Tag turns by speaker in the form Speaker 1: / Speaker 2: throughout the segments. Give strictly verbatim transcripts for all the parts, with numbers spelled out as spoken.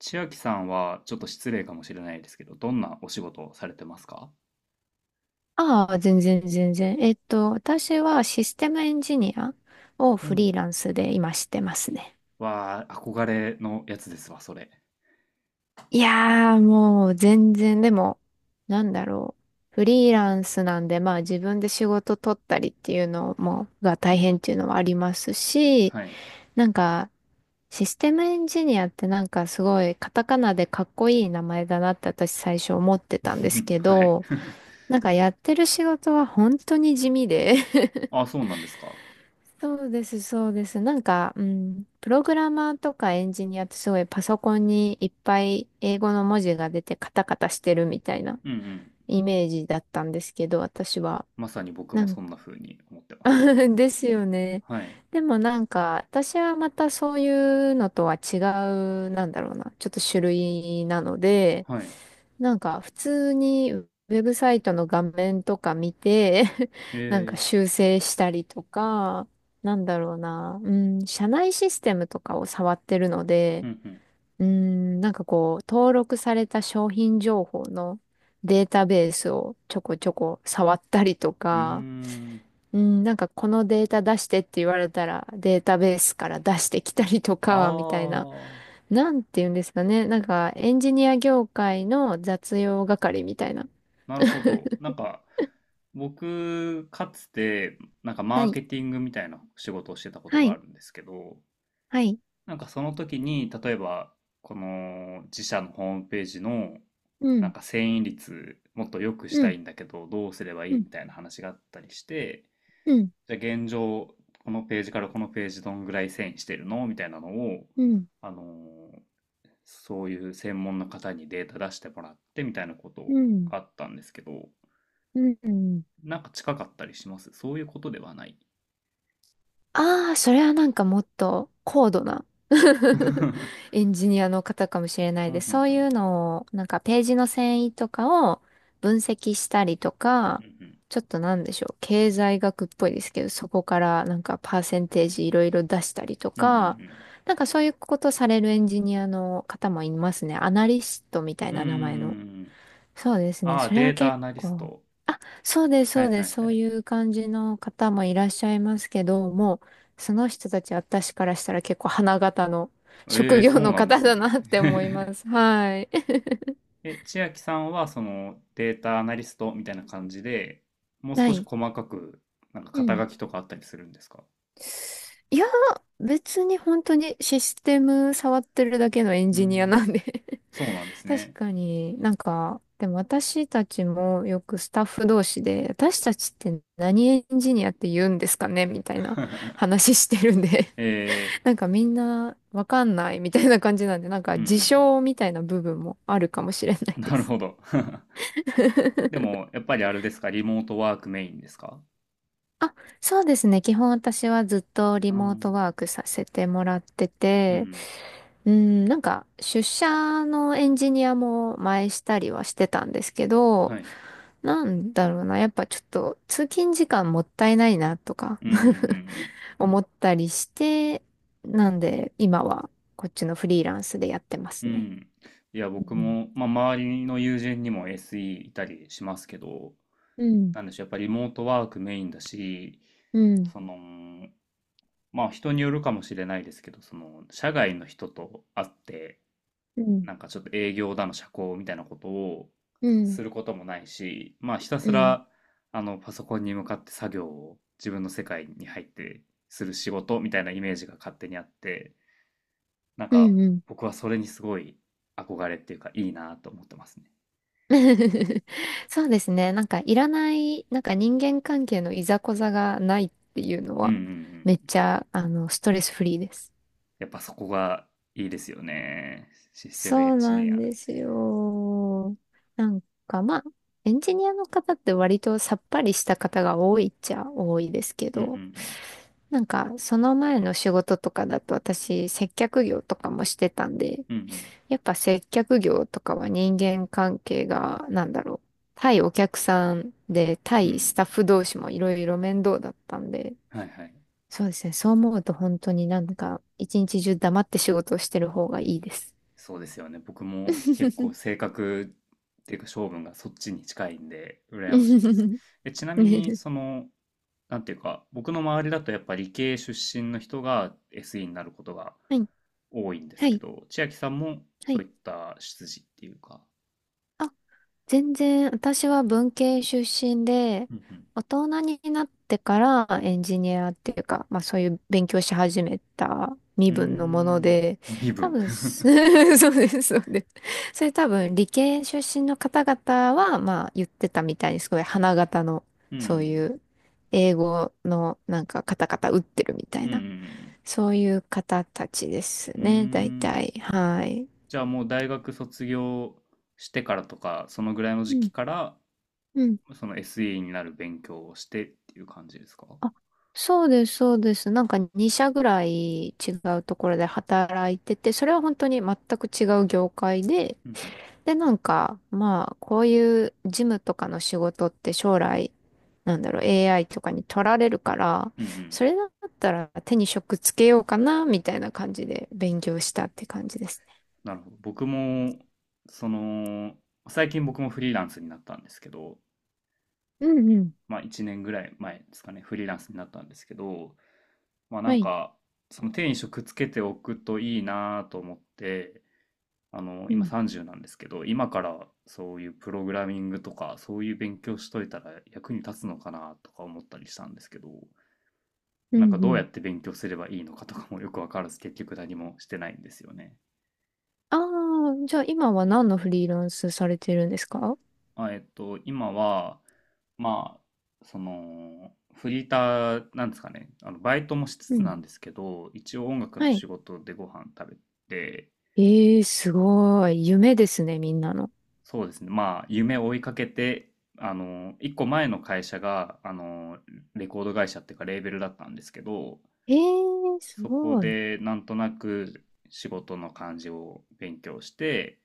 Speaker 1: 千秋さんはちょっと失礼かもしれないですけど、どんなお仕事をされてますか？
Speaker 2: ああ、全然全然。えっと、私はシステムエンジニアを
Speaker 1: う
Speaker 2: フ
Speaker 1: ん。
Speaker 2: リーランスで今してますね。
Speaker 1: わあ、憧れのやつですわ、それ。
Speaker 2: いやー、もう全然、でも、なんだろう。フリーランスなんで、まあ自分で仕事取ったりっていうのも、が
Speaker 1: う
Speaker 2: 大変
Speaker 1: ん。
Speaker 2: っていうのはありますし、
Speaker 1: はい。
Speaker 2: なんか、システムエンジニアってなんかすごいカタカナでかっこいい名前だなって私最初思ってたんです け
Speaker 1: はい。
Speaker 2: ど、なんかやってる仕事は本当に地味で
Speaker 1: あ、そうなんですか。
Speaker 2: そうです、そうです。なんか、うん、プログラマーとかエンジニアってすごいパソコンにいっぱい英語の文字が出てカタカタしてるみたいな
Speaker 1: うんうん。
Speaker 2: イメージだったんですけど、私は。
Speaker 1: まさに僕
Speaker 2: な
Speaker 1: も
Speaker 2: ん
Speaker 1: そんな風に思ってます。
Speaker 2: ですよね。
Speaker 1: はい。
Speaker 2: でもなんか、私はまたそういうのとは違う、なんだろうな、ちょっと種類なので、
Speaker 1: はい。
Speaker 2: なんか普通にウェブサイトの画面とか見て なんか
Speaker 1: ええ。
Speaker 2: 修正したりとか、なんだろうな、うん、社内システムとかを触ってるので、
Speaker 1: うん
Speaker 2: うん、なんかこう、登録された商品情報のデータベースをちょこちょこ触ったりと
Speaker 1: うん。うー
Speaker 2: か、
Speaker 1: ん。
Speaker 2: うん、なんかこのデータ出してって言われたらデータベースから出してきたりと
Speaker 1: あ
Speaker 2: か、みたいな。なんて言うんですかね。なんかエンジニア業界の雑用係みたいな。
Speaker 1: あ、なるほど。なんか、僕、かつて、なんかマ
Speaker 2: は
Speaker 1: ー
Speaker 2: い。
Speaker 1: ケティングみたいな仕事をしてたこと
Speaker 2: は
Speaker 1: があ
Speaker 2: い、
Speaker 1: るんですけど、
Speaker 2: はい、
Speaker 1: なんかその時に、例えば、この自社のホームページの、
Speaker 2: う
Speaker 1: なん
Speaker 2: ん、
Speaker 1: か遷移率もっと良くし
Speaker 2: う
Speaker 1: た
Speaker 2: ん、
Speaker 1: いんだけど、どうすれば
Speaker 2: う
Speaker 1: いい
Speaker 2: ん、
Speaker 1: みたいな話があったりして、
Speaker 2: うん、
Speaker 1: じゃあ現状、このページからこのページどんぐらい遷移してるのみたいなのを、
Speaker 2: うん、
Speaker 1: あのーそういう専門の方にデータ出してもらってみたいなこと
Speaker 2: うん、
Speaker 1: があったんですけど、
Speaker 2: うん。
Speaker 1: なんか近かったりしますそういうことではない？
Speaker 2: ああ、それはなんかもっと高度な
Speaker 1: うん
Speaker 2: エンジニアの方かもしれな
Speaker 1: う
Speaker 2: い
Speaker 1: んう
Speaker 2: です。そ
Speaker 1: ん。
Speaker 2: ういうのを、なんかページの遷移とかを分析したりと
Speaker 1: う
Speaker 2: か、
Speaker 1: んうん。
Speaker 2: ちょっとなんでしょう、経済学っぽいですけど、そこからなんかパーセンテージいろいろ出したりと
Speaker 1: うんうんう
Speaker 2: か、
Speaker 1: ん。
Speaker 2: なんかそういうことされるエンジニアの方もいますね。アナリストみたい
Speaker 1: うんう
Speaker 2: な
Speaker 1: んうん
Speaker 2: 名前の。
Speaker 1: うん。
Speaker 2: そうですね。
Speaker 1: ああ、
Speaker 2: それは
Speaker 1: データア
Speaker 2: 結
Speaker 1: ナリス
Speaker 2: 構。
Speaker 1: ト。
Speaker 2: あ、そうです、
Speaker 1: は
Speaker 2: そ
Speaker 1: い
Speaker 2: うで
Speaker 1: は
Speaker 2: す。
Speaker 1: いは
Speaker 2: そう
Speaker 1: い。
Speaker 2: いう感じの方もいらっしゃいますけど、もう、その人たち私からしたら結構花形の
Speaker 1: え
Speaker 2: 職
Speaker 1: え、
Speaker 2: 業
Speaker 1: そう
Speaker 2: の
Speaker 1: なんで
Speaker 2: 方
Speaker 1: す
Speaker 2: だ
Speaker 1: ね。
Speaker 2: なって思いま す。はい。
Speaker 1: え、千秋さんはそのデータアナリストみたいな感じで、もう
Speaker 2: は
Speaker 1: 少し
Speaker 2: い。
Speaker 1: 細かく、なんか
Speaker 2: う
Speaker 1: 肩
Speaker 2: ん。
Speaker 1: 書きとかあったりするんですか？
Speaker 2: いや、別に本当にシステム触ってるだけのエン
Speaker 1: うー
Speaker 2: ジニアな
Speaker 1: ん、
Speaker 2: んで
Speaker 1: そうなんです
Speaker 2: 確
Speaker 1: ね。
Speaker 2: かになんか、でも私たちもよくスタッフ同士で、私たちって何エンジニアって言うんですかねみたいな 話してるんで
Speaker 1: えー。
Speaker 2: なんかみんなわかんないみたいな感じなんで、なんか
Speaker 1: う
Speaker 2: 自
Speaker 1: ん
Speaker 2: 称みたいな部分もあるかもしれない
Speaker 1: うん。
Speaker 2: で
Speaker 1: なる
Speaker 2: す。
Speaker 1: ほど。で も、やっぱりあれですか、リモートワークメインですか？
Speaker 2: あ、そうですね。基本私はずっとリ
Speaker 1: うん。
Speaker 2: モ
Speaker 1: う
Speaker 2: ート
Speaker 1: ん
Speaker 2: ワークさせてもらって
Speaker 1: う
Speaker 2: て、
Speaker 1: ん。
Speaker 2: うん、なんか出社のエンジニアも前したりはしてたんですけ
Speaker 1: は
Speaker 2: ど、
Speaker 1: い。
Speaker 2: なんだろうな、やっぱちょっと通勤時間もったいないなとか
Speaker 1: うんうんうん
Speaker 2: 思ったりして、なんで今はこっちのフリーランスでやってま
Speaker 1: うん。
Speaker 2: す
Speaker 1: う
Speaker 2: ね。
Speaker 1: ん。いや、
Speaker 2: う
Speaker 1: 僕
Speaker 2: ん
Speaker 1: も、まあ、周りの友人にも エスイー いたりしますけど、
Speaker 2: うん、
Speaker 1: なんでしょう、やっぱりリモートワークメインだし、
Speaker 2: うん、
Speaker 1: その、まあ人によるかもしれないですけど、その、社外の人と会って、
Speaker 2: うん、
Speaker 1: なんかちょっと営業だの社交みたいなことを
Speaker 2: うん、
Speaker 1: することもないし、まあひた
Speaker 2: う
Speaker 1: す
Speaker 2: ん、
Speaker 1: ら、あの、パソコンに向かって作業を自分の世界に入ってする仕事みたいなイメージが勝手にあって、なん
Speaker 2: う
Speaker 1: か
Speaker 2: ん、うん。
Speaker 1: 僕はそれにすごい憧れっていうかいいなと思ってますね。
Speaker 2: そうですね。なんかいらない、なんか人間関係のいざこざがないっていうの
Speaker 1: うんう
Speaker 2: は、
Speaker 1: んう
Speaker 2: めっ
Speaker 1: ん。
Speaker 2: ちゃ、あの、ストレスフリーです。
Speaker 1: やっぱそこがいいですよね。システムエ
Speaker 2: そ
Speaker 1: ン
Speaker 2: う
Speaker 1: ジ
Speaker 2: な
Speaker 1: ニ
Speaker 2: ん
Speaker 1: ア。
Speaker 2: ですよ。なんかまあ、エンジニアの方って割とさっぱりした方が多いっちゃ多いですけ
Speaker 1: うんう
Speaker 2: ど、
Speaker 1: ん
Speaker 2: なんかその前の仕事とかだと私接客業とかもしてたんで、
Speaker 1: うん。うん
Speaker 2: やっぱ接客業とかは人間関係が、なんだろう。対お客さんで、
Speaker 1: うん。う
Speaker 2: 対ス
Speaker 1: ん。
Speaker 2: タッフ同士もいろいろ面倒だったんで、
Speaker 1: はいはい。
Speaker 2: そうですね。そう思うと本当になんか、一日中黙って仕事をしてる方がいいです。
Speaker 1: そうですよね。僕も結構 性格っていうか性分がそっちに近いんで、羨ましいです。
Speaker 2: は
Speaker 1: え、ちなみに、その、なんていうか、僕の周りだとやっぱ理系出身の人が エスイー になることが
Speaker 2: い、
Speaker 1: 多いんで
Speaker 2: は
Speaker 1: すけ
Speaker 2: い、
Speaker 1: ど、千秋さんも
Speaker 2: は
Speaker 1: そう
Speaker 2: い。
Speaker 1: いった出自っていうか。
Speaker 2: あ全然、私は文系出身で、
Speaker 1: うんうん。
Speaker 2: 大人になってからエンジニアっていうか、まあそういう勉強し始めた
Speaker 1: う
Speaker 2: 身
Speaker 1: ー
Speaker 2: 分のもの
Speaker 1: ん。
Speaker 2: で、
Speaker 1: 身
Speaker 2: 多
Speaker 1: 分。
Speaker 2: 分す、そうです、そうです。それ多分理系出身の方々は、まあ言ってたみたいに、すごい花形の、
Speaker 1: うんう
Speaker 2: そう
Speaker 1: ん。
Speaker 2: いう英語のなんかカタカタ打ってるみた
Speaker 1: う
Speaker 2: いな、
Speaker 1: ん
Speaker 2: そういう方たちで
Speaker 1: うんうん。う
Speaker 2: す
Speaker 1: ー
Speaker 2: ね、大
Speaker 1: ん。
Speaker 2: 体。はい。
Speaker 1: じゃあもう大学卒業してからとか、そのぐらいの時期
Speaker 2: う
Speaker 1: から、
Speaker 2: ん。
Speaker 1: その エスイー になる勉強をしてっていう感じですか？
Speaker 2: あそうです、そうです。なんかに社ぐらい違うところで働いてて、それは本当に全く違う業界で、
Speaker 1: うんうん。
Speaker 2: で、なんか、まあ、こういう事務とかの仕事って将来、なんだろう、エーアイ とかに取られるから、
Speaker 1: うんうん。
Speaker 2: それだったら手に職つけようかな、みたいな感じで勉強したって感じですね。
Speaker 1: なるほど。僕も、その、最近僕もフリーランスになったんですけど、
Speaker 2: うんうん。
Speaker 1: まあいちねんぐらい前ですかね、フリーランスになったんですけど、まあな
Speaker 2: は
Speaker 1: ん
Speaker 2: い。
Speaker 1: か、その手に職つけておくといいなと思って、あの、
Speaker 2: う
Speaker 1: 今
Speaker 2: ん。
Speaker 1: さんじゅうなんですけど、今からそういうプログラミングとか、そういう勉強しといたら役に立つのかなとか思ったりしたんですけど、
Speaker 2: う
Speaker 1: なんか
Speaker 2: んう
Speaker 1: どうや
Speaker 2: ん。
Speaker 1: って勉強すればいいのかとかもよくわからず、結局何もしてないんですよね。
Speaker 2: ああ、じゃあ今は何のフリーランスされてるんですか？
Speaker 1: あ、えっと、今は、まあ、その、フリーターなんですかね、あの、バイトもしつ
Speaker 2: う
Speaker 1: つなん
Speaker 2: ん。
Speaker 1: ですけど、一応音楽の
Speaker 2: はい。
Speaker 1: 仕事でご飯食べて、
Speaker 2: ええすごい。夢ですね、みんなの。
Speaker 1: そうですね。まあ、夢を追いかけて、あの、一個前の会社が、あの、レコード会社っていうか、レーベルだったんですけど、
Speaker 2: ええす
Speaker 1: そこ
Speaker 2: ごい。
Speaker 1: で、なんとなく仕事の感じを勉強して、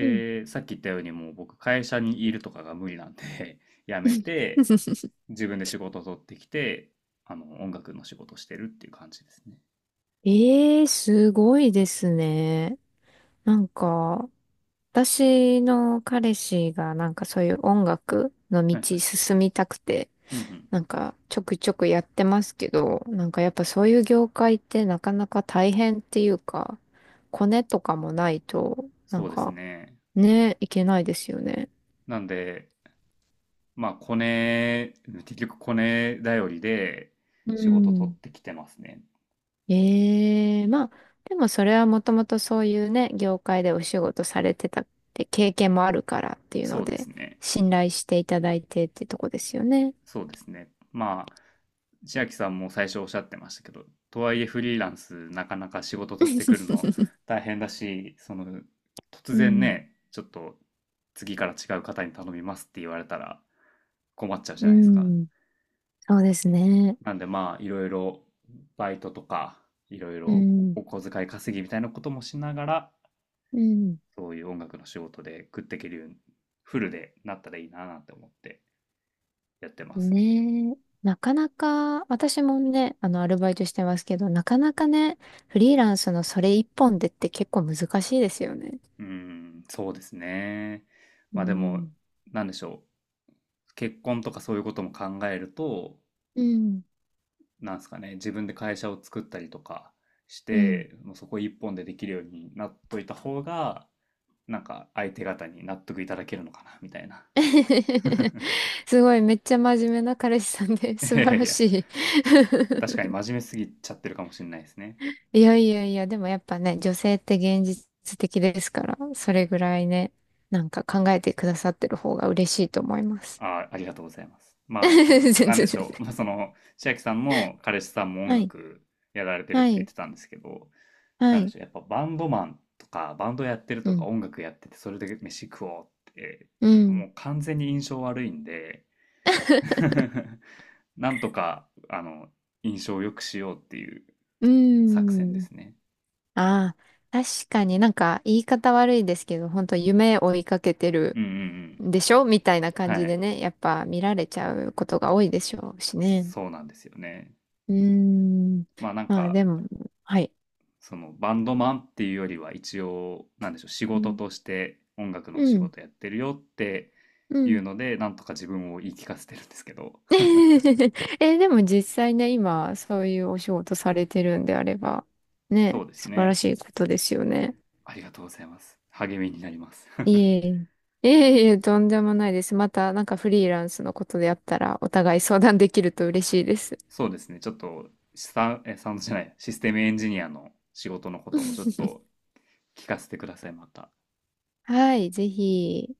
Speaker 2: うん。
Speaker 1: さっき言ったように、もう僕、会社にいるとかが無理なんで 辞めて、自分で仕事を取ってきて、あの、音楽の仕事をしてるっていう感じですね。
Speaker 2: ええすごいですね。なんか、私の彼氏がなんかそういう音楽の
Speaker 1: はいは
Speaker 2: 道
Speaker 1: い。
Speaker 2: 進みたくて、
Speaker 1: うんうん。
Speaker 2: なんかちょくちょくやってますけど、なんかやっぱそういう業界ってなかなか大変っていうか、コネとかもないと、なん
Speaker 1: そうです
Speaker 2: か
Speaker 1: ね。
Speaker 2: ね、いけないですよね。
Speaker 1: なんで、まあ、コネ、結局コネ頼りで
Speaker 2: う
Speaker 1: 仕事取っ
Speaker 2: ん
Speaker 1: てきてますね。
Speaker 2: ええまあ、でもそれはもともとそういうね、業界でお仕事されてたって経験もあるからっていう
Speaker 1: そ
Speaker 2: の
Speaker 1: うです
Speaker 2: で、
Speaker 1: ね。
Speaker 2: 信頼していただいてってとこですよね。
Speaker 1: そうですね。まあ、千秋さんも最初おっしゃってましたけど、とはいえフリーランスなかなか仕事取ってくるの 大変だし、その、突
Speaker 2: う
Speaker 1: 然
Speaker 2: ん。
Speaker 1: ね、ちょっと次から違う方に頼みますって言われたら困っちゃうじゃ
Speaker 2: う
Speaker 1: ないですか。
Speaker 2: ん。そうですね。
Speaker 1: なんでまあ、いろいろバイトとか、いろい
Speaker 2: う
Speaker 1: ろ
Speaker 2: ん。
Speaker 1: お小遣い稼ぎみたいなこともしながら、
Speaker 2: うん。
Speaker 1: そういう音楽の仕事で食っていけるように、フルでなったらいいななんて思ってやってます。
Speaker 2: ねえ。なかなか、私もね、あの、アルバイトしてますけど、なかなかね、フリーランスのそれ一本でって結構難しいですよね。
Speaker 1: うーん、そうですね。
Speaker 2: う
Speaker 1: まあでも、
Speaker 2: ん。
Speaker 1: なんでしょう。結婚とかそういうことも考えると、
Speaker 2: うん。
Speaker 1: なんですかね、自分で会社を作ったりとかし
Speaker 2: うん。
Speaker 1: て、もうそこ一本でできるようになっといた方が、なんか相手方に納得いただけるのかな、みたいな。
Speaker 2: すごい、めっちゃ真面目な彼氏さんで、
Speaker 1: い
Speaker 2: 素
Speaker 1: やい
Speaker 2: 晴
Speaker 1: やい
Speaker 2: らし
Speaker 1: や、
Speaker 2: い。
Speaker 1: 確かに 真面目すぎちゃってるかもしれないですね。
Speaker 2: いやいやいや、でもやっぱね、女性って現実的ですから、それぐらいね、なんか考えてくださってる方が嬉しいと思います。
Speaker 1: あ、ありがとうございます。まあ、
Speaker 2: 全然
Speaker 1: なんで
Speaker 2: 全
Speaker 1: しょう。
Speaker 2: 然。
Speaker 1: まあ、その、千秋さんも彼氏さんも音
Speaker 2: はい、
Speaker 1: 楽やられてるっ
Speaker 2: は
Speaker 1: て言っ
Speaker 2: い、
Speaker 1: てたんですけど、
Speaker 2: は
Speaker 1: なんで
Speaker 2: い。
Speaker 1: しょう。やっぱバンドマンとか、バンドやってる
Speaker 2: う
Speaker 1: とか、
Speaker 2: ん、
Speaker 1: 音楽やってて、それで飯食おうって、
Speaker 2: う
Speaker 1: も
Speaker 2: ん。
Speaker 1: う完全に印象悪いんで、なんとか、あの、印象を良くしようっていう
Speaker 2: うー
Speaker 1: 作戦で
Speaker 2: ん。
Speaker 1: すね。
Speaker 2: ああ、確かになんか言い方悪いですけど、本当夢追いかけてる
Speaker 1: うんうんうん。
Speaker 2: でしょみたいな感
Speaker 1: は
Speaker 2: じで
Speaker 1: い。
Speaker 2: ね、やっぱ見られちゃうことが多いでしょうしね。
Speaker 1: そうなんですよね。
Speaker 2: うーん。
Speaker 1: まあなん
Speaker 2: まあ
Speaker 1: か、
Speaker 2: でも、はい。
Speaker 1: そのバンドマンっていうよりは一応なんでしょう仕
Speaker 2: う
Speaker 1: 事
Speaker 2: ん。
Speaker 1: として音楽の仕
Speaker 2: うん。
Speaker 1: 事やってるよって
Speaker 2: う
Speaker 1: い
Speaker 2: ん
Speaker 1: うのでなんとか自分を言い聞かせてるんですけど。
Speaker 2: え、でも実際ね、今、そういうお仕事されてるんであれば、
Speaker 1: そ
Speaker 2: ね、
Speaker 1: うです
Speaker 2: 素晴ら
Speaker 1: ね。
Speaker 2: しいことですよね。
Speaker 1: ありがとうございます。励みになります。
Speaker 2: いえいえ。いえいえ、とんでもないです。また、なんかフリーランスのことであったら、お互い相談できると嬉しいです。
Speaker 1: そうですね。ちょっとサウンえサウンドじゃないシステムエンジニアの仕事のこともちょっと聞かせてくださいまた。
Speaker 2: はい、ぜひ。